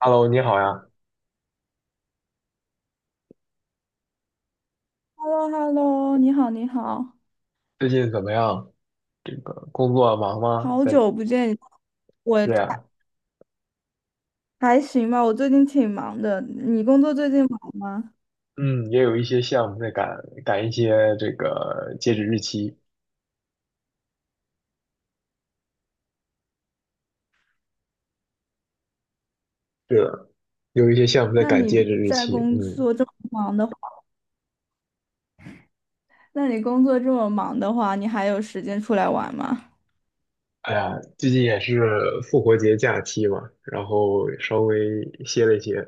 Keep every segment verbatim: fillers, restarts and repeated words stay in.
Hello，你好呀，h e l l o h e l l o 你好，你好，最近怎么样？这个工作忙吗？好在久不见，我还这样，还行吧，我最近挺忙的。你工作最近忙吗？嗯，也有一些项目在赶赶一些这个截止日期。是的，有一些项目在那赶截你止日在期。工嗯，作这么忙的话，那你工作这么忙的话，你还有时间出来玩吗？哎呀，最近也是复活节假期嘛，然后稍微歇了一歇，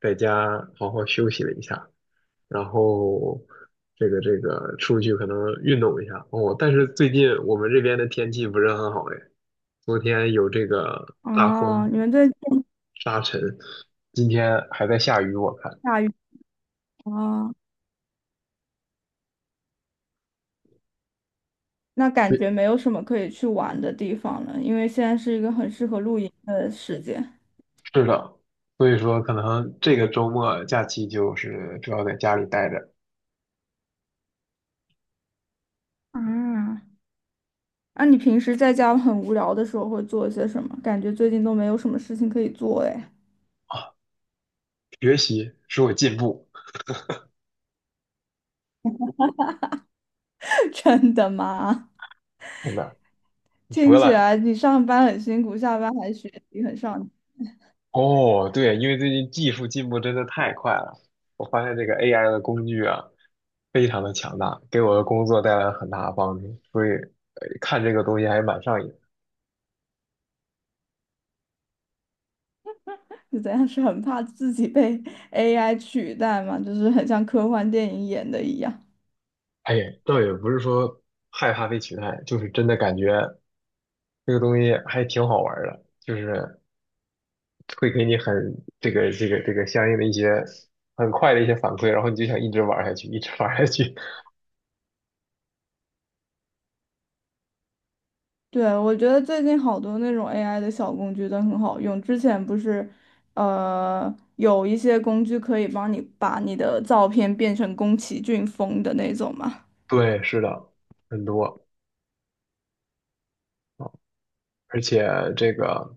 在家好好休息了一下，然后这个这个出去可能运动一下哦。但是最近我们这边的天气不是很好哎，昨天有这个大哦，风你们最近沙尘，今天还在下雨，我看。下雨啊，那感对，觉没有什么可以去玩的地方了，因为现在是一个很适合露营的时间。是的，所以说可能这个周末假期就是主要在家里待着，啊，那你平时在家很无聊的时候会做些什么？感觉最近都没有什么事情可以做哎。学习使我进步，真的吗？真的。听博起览来你上班很辛苦，下班还学习很上进，哦，对，因为最近技术进步真的太快了，我发现这个 A I 的工具啊，非常的强大，给我的工作带来了很大的帮助，所以呃看这个东西还蛮上瘾。是怎样？是很怕自己被 A I 取代吗？就是很像科幻电影演的一样。哎，倒也不是说害怕被取代，就是真的感觉这个东西还挺好玩儿的，就是会给你很这个这个这个相应的一些很快的一些反馈，然后你就想一直玩儿下去，一直玩儿下去。对，我觉得最近好多那种 A I 的小工具都很好用。之前不是，呃，有一些工具可以帮你把你的照片变成宫崎骏风的那种嘛，对，是的，很多，而且这个。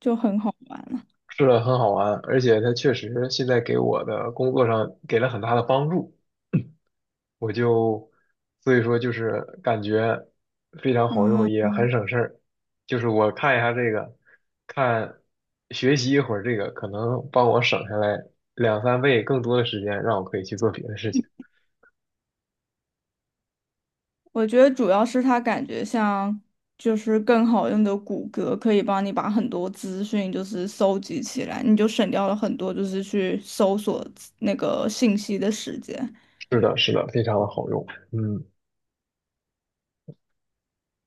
就很好玩了。是的，很好玩，而且它确实现在给我的工作上给了很大的帮助，我就所以说就是感觉非常好用，也啊，很省事儿。就是我看一下这个，看学习一会儿这个，可能帮我省下来两三倍更多的时间，让我可以去做别的事情。我觉得主要是它感觉像就是更好用的谷歌，可以帮你把很多资讯就是搜集起来，你就省掉了很多就是去搜索资那个信息的时间。是的，是的，非常的好用。嗯，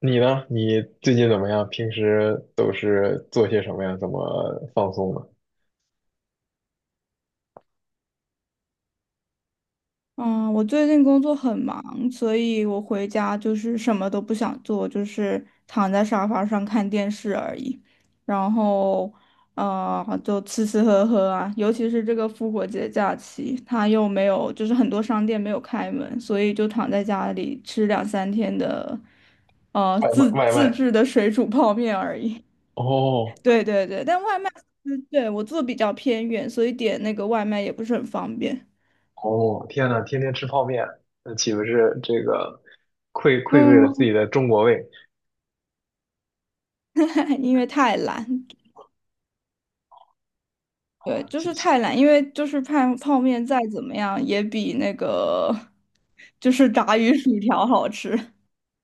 你呢？你最近怎么样？平时都是做些什么呀？怎么放松的？嗯，我最近工作很忙，所以我回家就是什么都不想做，就是躺在沙发上看电视而已。然后，呃，就吃吃喝喝啊，尤其是这个复活节假期，它又没有，就是很多商店没有开门，所以就躺在家里吃两三天的，呃，外自卖，外自卖。制的水煮泡面而已。哦，对对对，但外卖，嗯对，我住得比较偏远，所以点那个外卖也不是很方便。哦，天呐，天天吃泡面，那岂不是这个愧愧对了自嗯，己的中国胃？因为太懒，对，好，就谢是谢。太懒，因为就是泡泡面再怎么样也比那个就是炸鱼薯条好吃。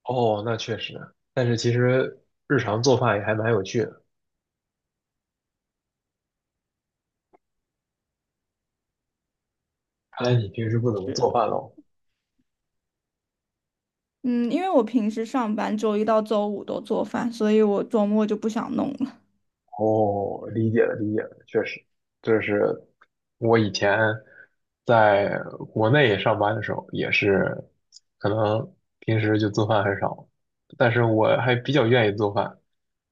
哦，那确实，但是其实日常做饭也还蛮有趣的。看来你平时不怎么是做的，饭喽？嗯，因为我平时上班周一到周五都做饭，所以我周末就不想弄了。哦，理解了，理解了，确实，就是我以前在国内上班的时候，也是可能平时就做饭很少，但是我还比较愿意做饭，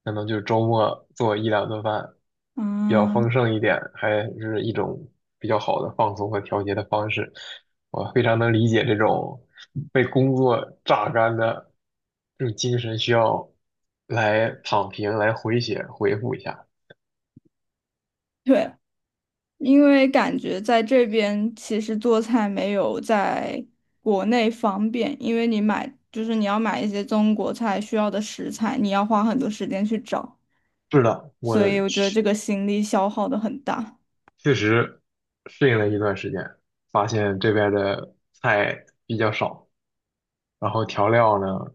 可能就周末做一两顿饭，比较丰嗯，盛一点，还是一种比较好的放松和调节的方式。我非常能理解这种被工作榨干的这种精神需要来躺平，来回血，回复一下。对，因为感觉在这边其实做菜没有在国内方便，因为你买就是你要买一些中国菜需要的食材，你要花很多时间去找。是的，我所以我觉得确这个心力消耗的很大，确实适应了一段时间，发现这边的菜比较少，然后调料呢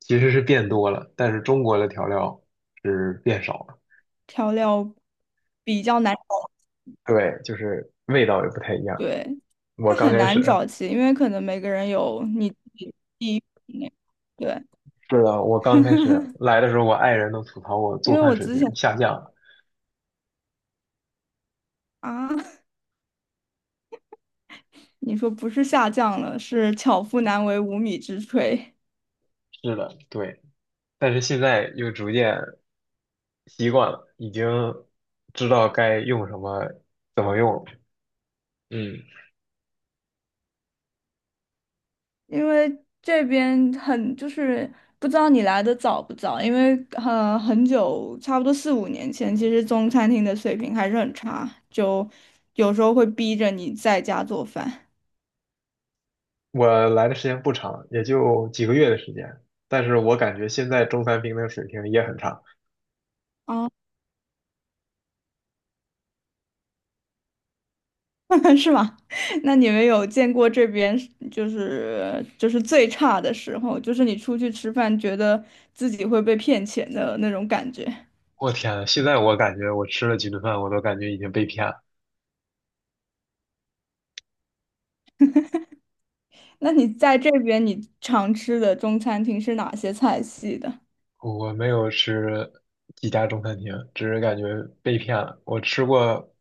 其实是变多了，但是中国的调料是变少了。调料比较难找，对，就是味道也不太一样。对，我它刚很开始 难找齐，因为可能每个人有你自己地域那个对，是的，我刚开始 来的时候，我爱人都吐槽我因做为饭我水之前平下降了。啊，你说不是下降了，是巧妇难为无米之炊，是的，对，但是现在又逐渐习惯了，已经知道该用什么，怎么用了。嗯。因为这边很就是不知道你来的早不早，因为呃很久，差不多四五年前，其实中餐厅的水平还是很差，就有时候会逼着你在家做饭我来的时间不长，也就几个月的时间，但是我感觉现在中餐厅的水平也很差。啊，是吗？那你们有见过这边是就是就是最差的时候，就是你出去吃饭，觉得自己会被骗钱的那种感觉？我天呐现在我感觉我吃了几顿饭，我都感觉已经被骗了。那你在这边你常吃的中餐厅是哪些菜系的？我没有吃几家中餐厅，只是感觉被骗了。我吃过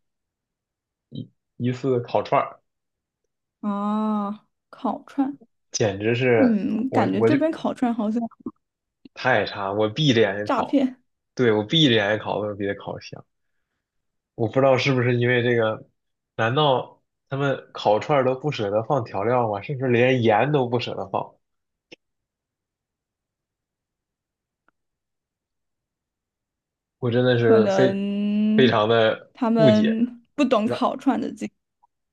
一次烤串儿，啊，烤串。简直是嗯，我感觉我这就边烤串好像太差，我闭着眼睛诈烤，骗，对，我闭着眼睛烤都比它烤香。我不知道是不是因为这个，难道他们烤串儿都不舍得放调料吗？甚至连盐都不舍得放。我真的可是能非非常的他不解。们不懂然烤串的这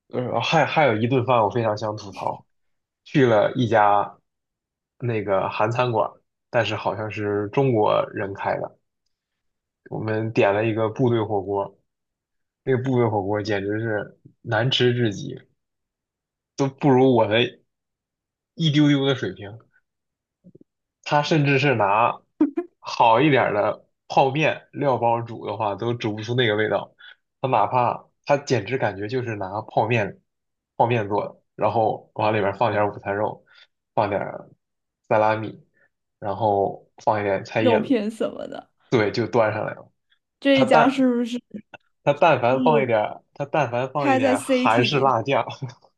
呃，还还有一顿饭我非常想吐槽，去了一家那个韩餐馆，但是好像是中国人开的，我们点了一个部队火锅，那个部队火锅简直是难吃至极，都不如我的一丢丢的水平。他甚至是拿好一点儿的泡面料包煮的话，都煮不出那个味道。他哪怕他简直感觉就是拿泡面泡面做的，然后往里面放点儿午餐肉，放点儿萨拉米，然后放一点菜叶肉子，片什么的。对，就端上来了。这他一家但是不是是他但凡放一点儿，他但凡放一开点在 儿韩 City 式里？辣酱，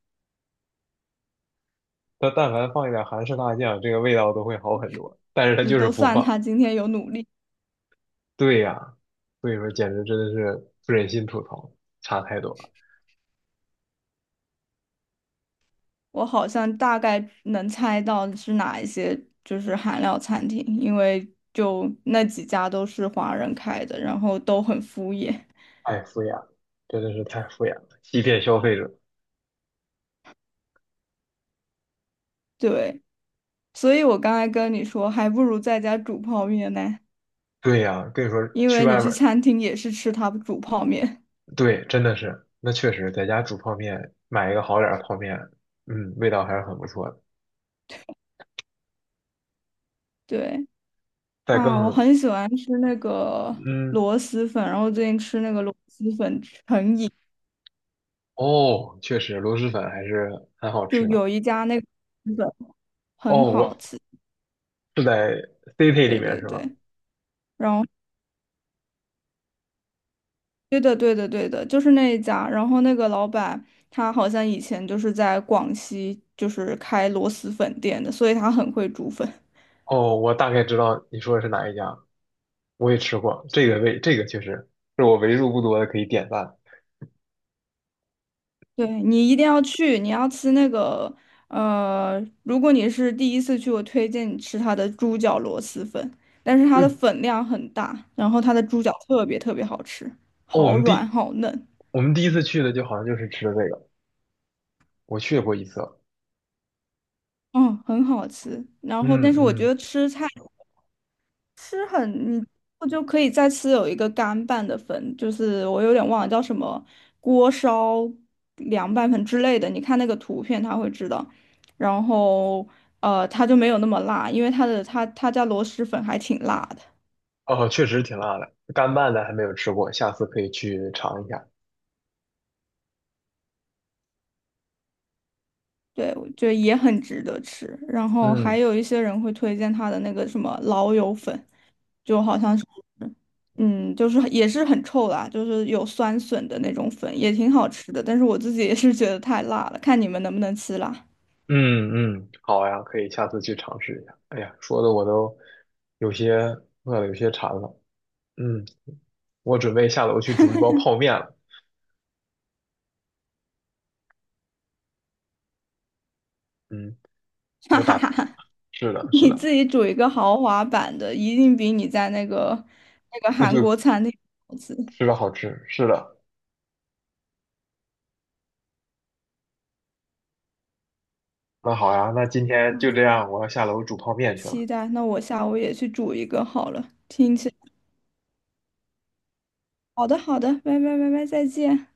他但凡放一点儿韩式辣酱，这个味道都会好很多。但是他你就是都不算放。他今天有努力，对呀，所以说简直真的是不忍心吐槽，差太多了，我好像大概能猜到是哪一些就是韩料餐厅，因为就那几家都是华人开的，然后都很敷衍。太敷衍了，真的是太敷衍了，欺骗消费者。对，所以我刚才跟你说，还不如在家煮泡面呢。对呀，跟你说因去为外你面去儿餐厅也是吃他煮泡面。对，真的是，那确实在家煮泡面，买一个好点儿的泡面，嗯，味道还是很不错的。对再啊，我更，很喜欢吃那个嗯，螺蛳粉，然后最近吃那个螺蛳粉成瘾，哦，确实螺蛳粉还是很好就吃的。有一家那个螺蛳粉很哦，好我吃。是在 City 里对面对是吗？对，然后对的对的对的，就是那一家。然后那个老板他好像以前就是在广西就是开螺蛳粉店的，所以他很会煮粉。哦，我大概知道你说的是哪一家，我也吃过，这个味，这个确实是我为数不多的可以点赞。对，你一定要去，你要吃那个，呃，如果你是第一次去，我推荐你吃它的猪脚螺蛳粉，但是它的嗯粉量很大，然后它的猪脚特别特别好吃，哦，我好们软第好嫩，我们第一次去的就好像就是吃的这个，我去过一次，嗯，很好吃。然后，嗯但是我觉嗯，得吃吃很，你我就可以再吃有一个干拌的粉，就是我有点忘了叫什么锅烧凉拌粉之类的。你看那个图片，他会知道。然后呃，他就没有那么辣，因为他的他他家螺蛳粉还挺辣的。哦，确实挺辣的，干拌的还没有吃过，下次可以去尝一下。对，我觉得也很值得吃。然后还嗯有一些人会推荐他的那个什么老友粉，就好像是，嗯，就是也是很臭啦，就是有酸笋的那种粉，也挺好吃的。但是我自己也是觉得太辣了，看你们能不能吃辣。嗯嗯，好呀，可以下次去尝试一下。哎呀，说的我都有些饿了，有些馋了。嗯，我准备下楼去煮一包泡面了。嗯，哈我哈打，哈哈，是的，是你的，自己煮一个豪华版的，一定比你在那个那个部韩队国餐厅好吃。吃的好吃，是的。那好呀，那今天就这样，我要下楼煮泡面去了。期待，那我下午也去煮一个好了。听起来，好的好的，拜拜拜拜，再见。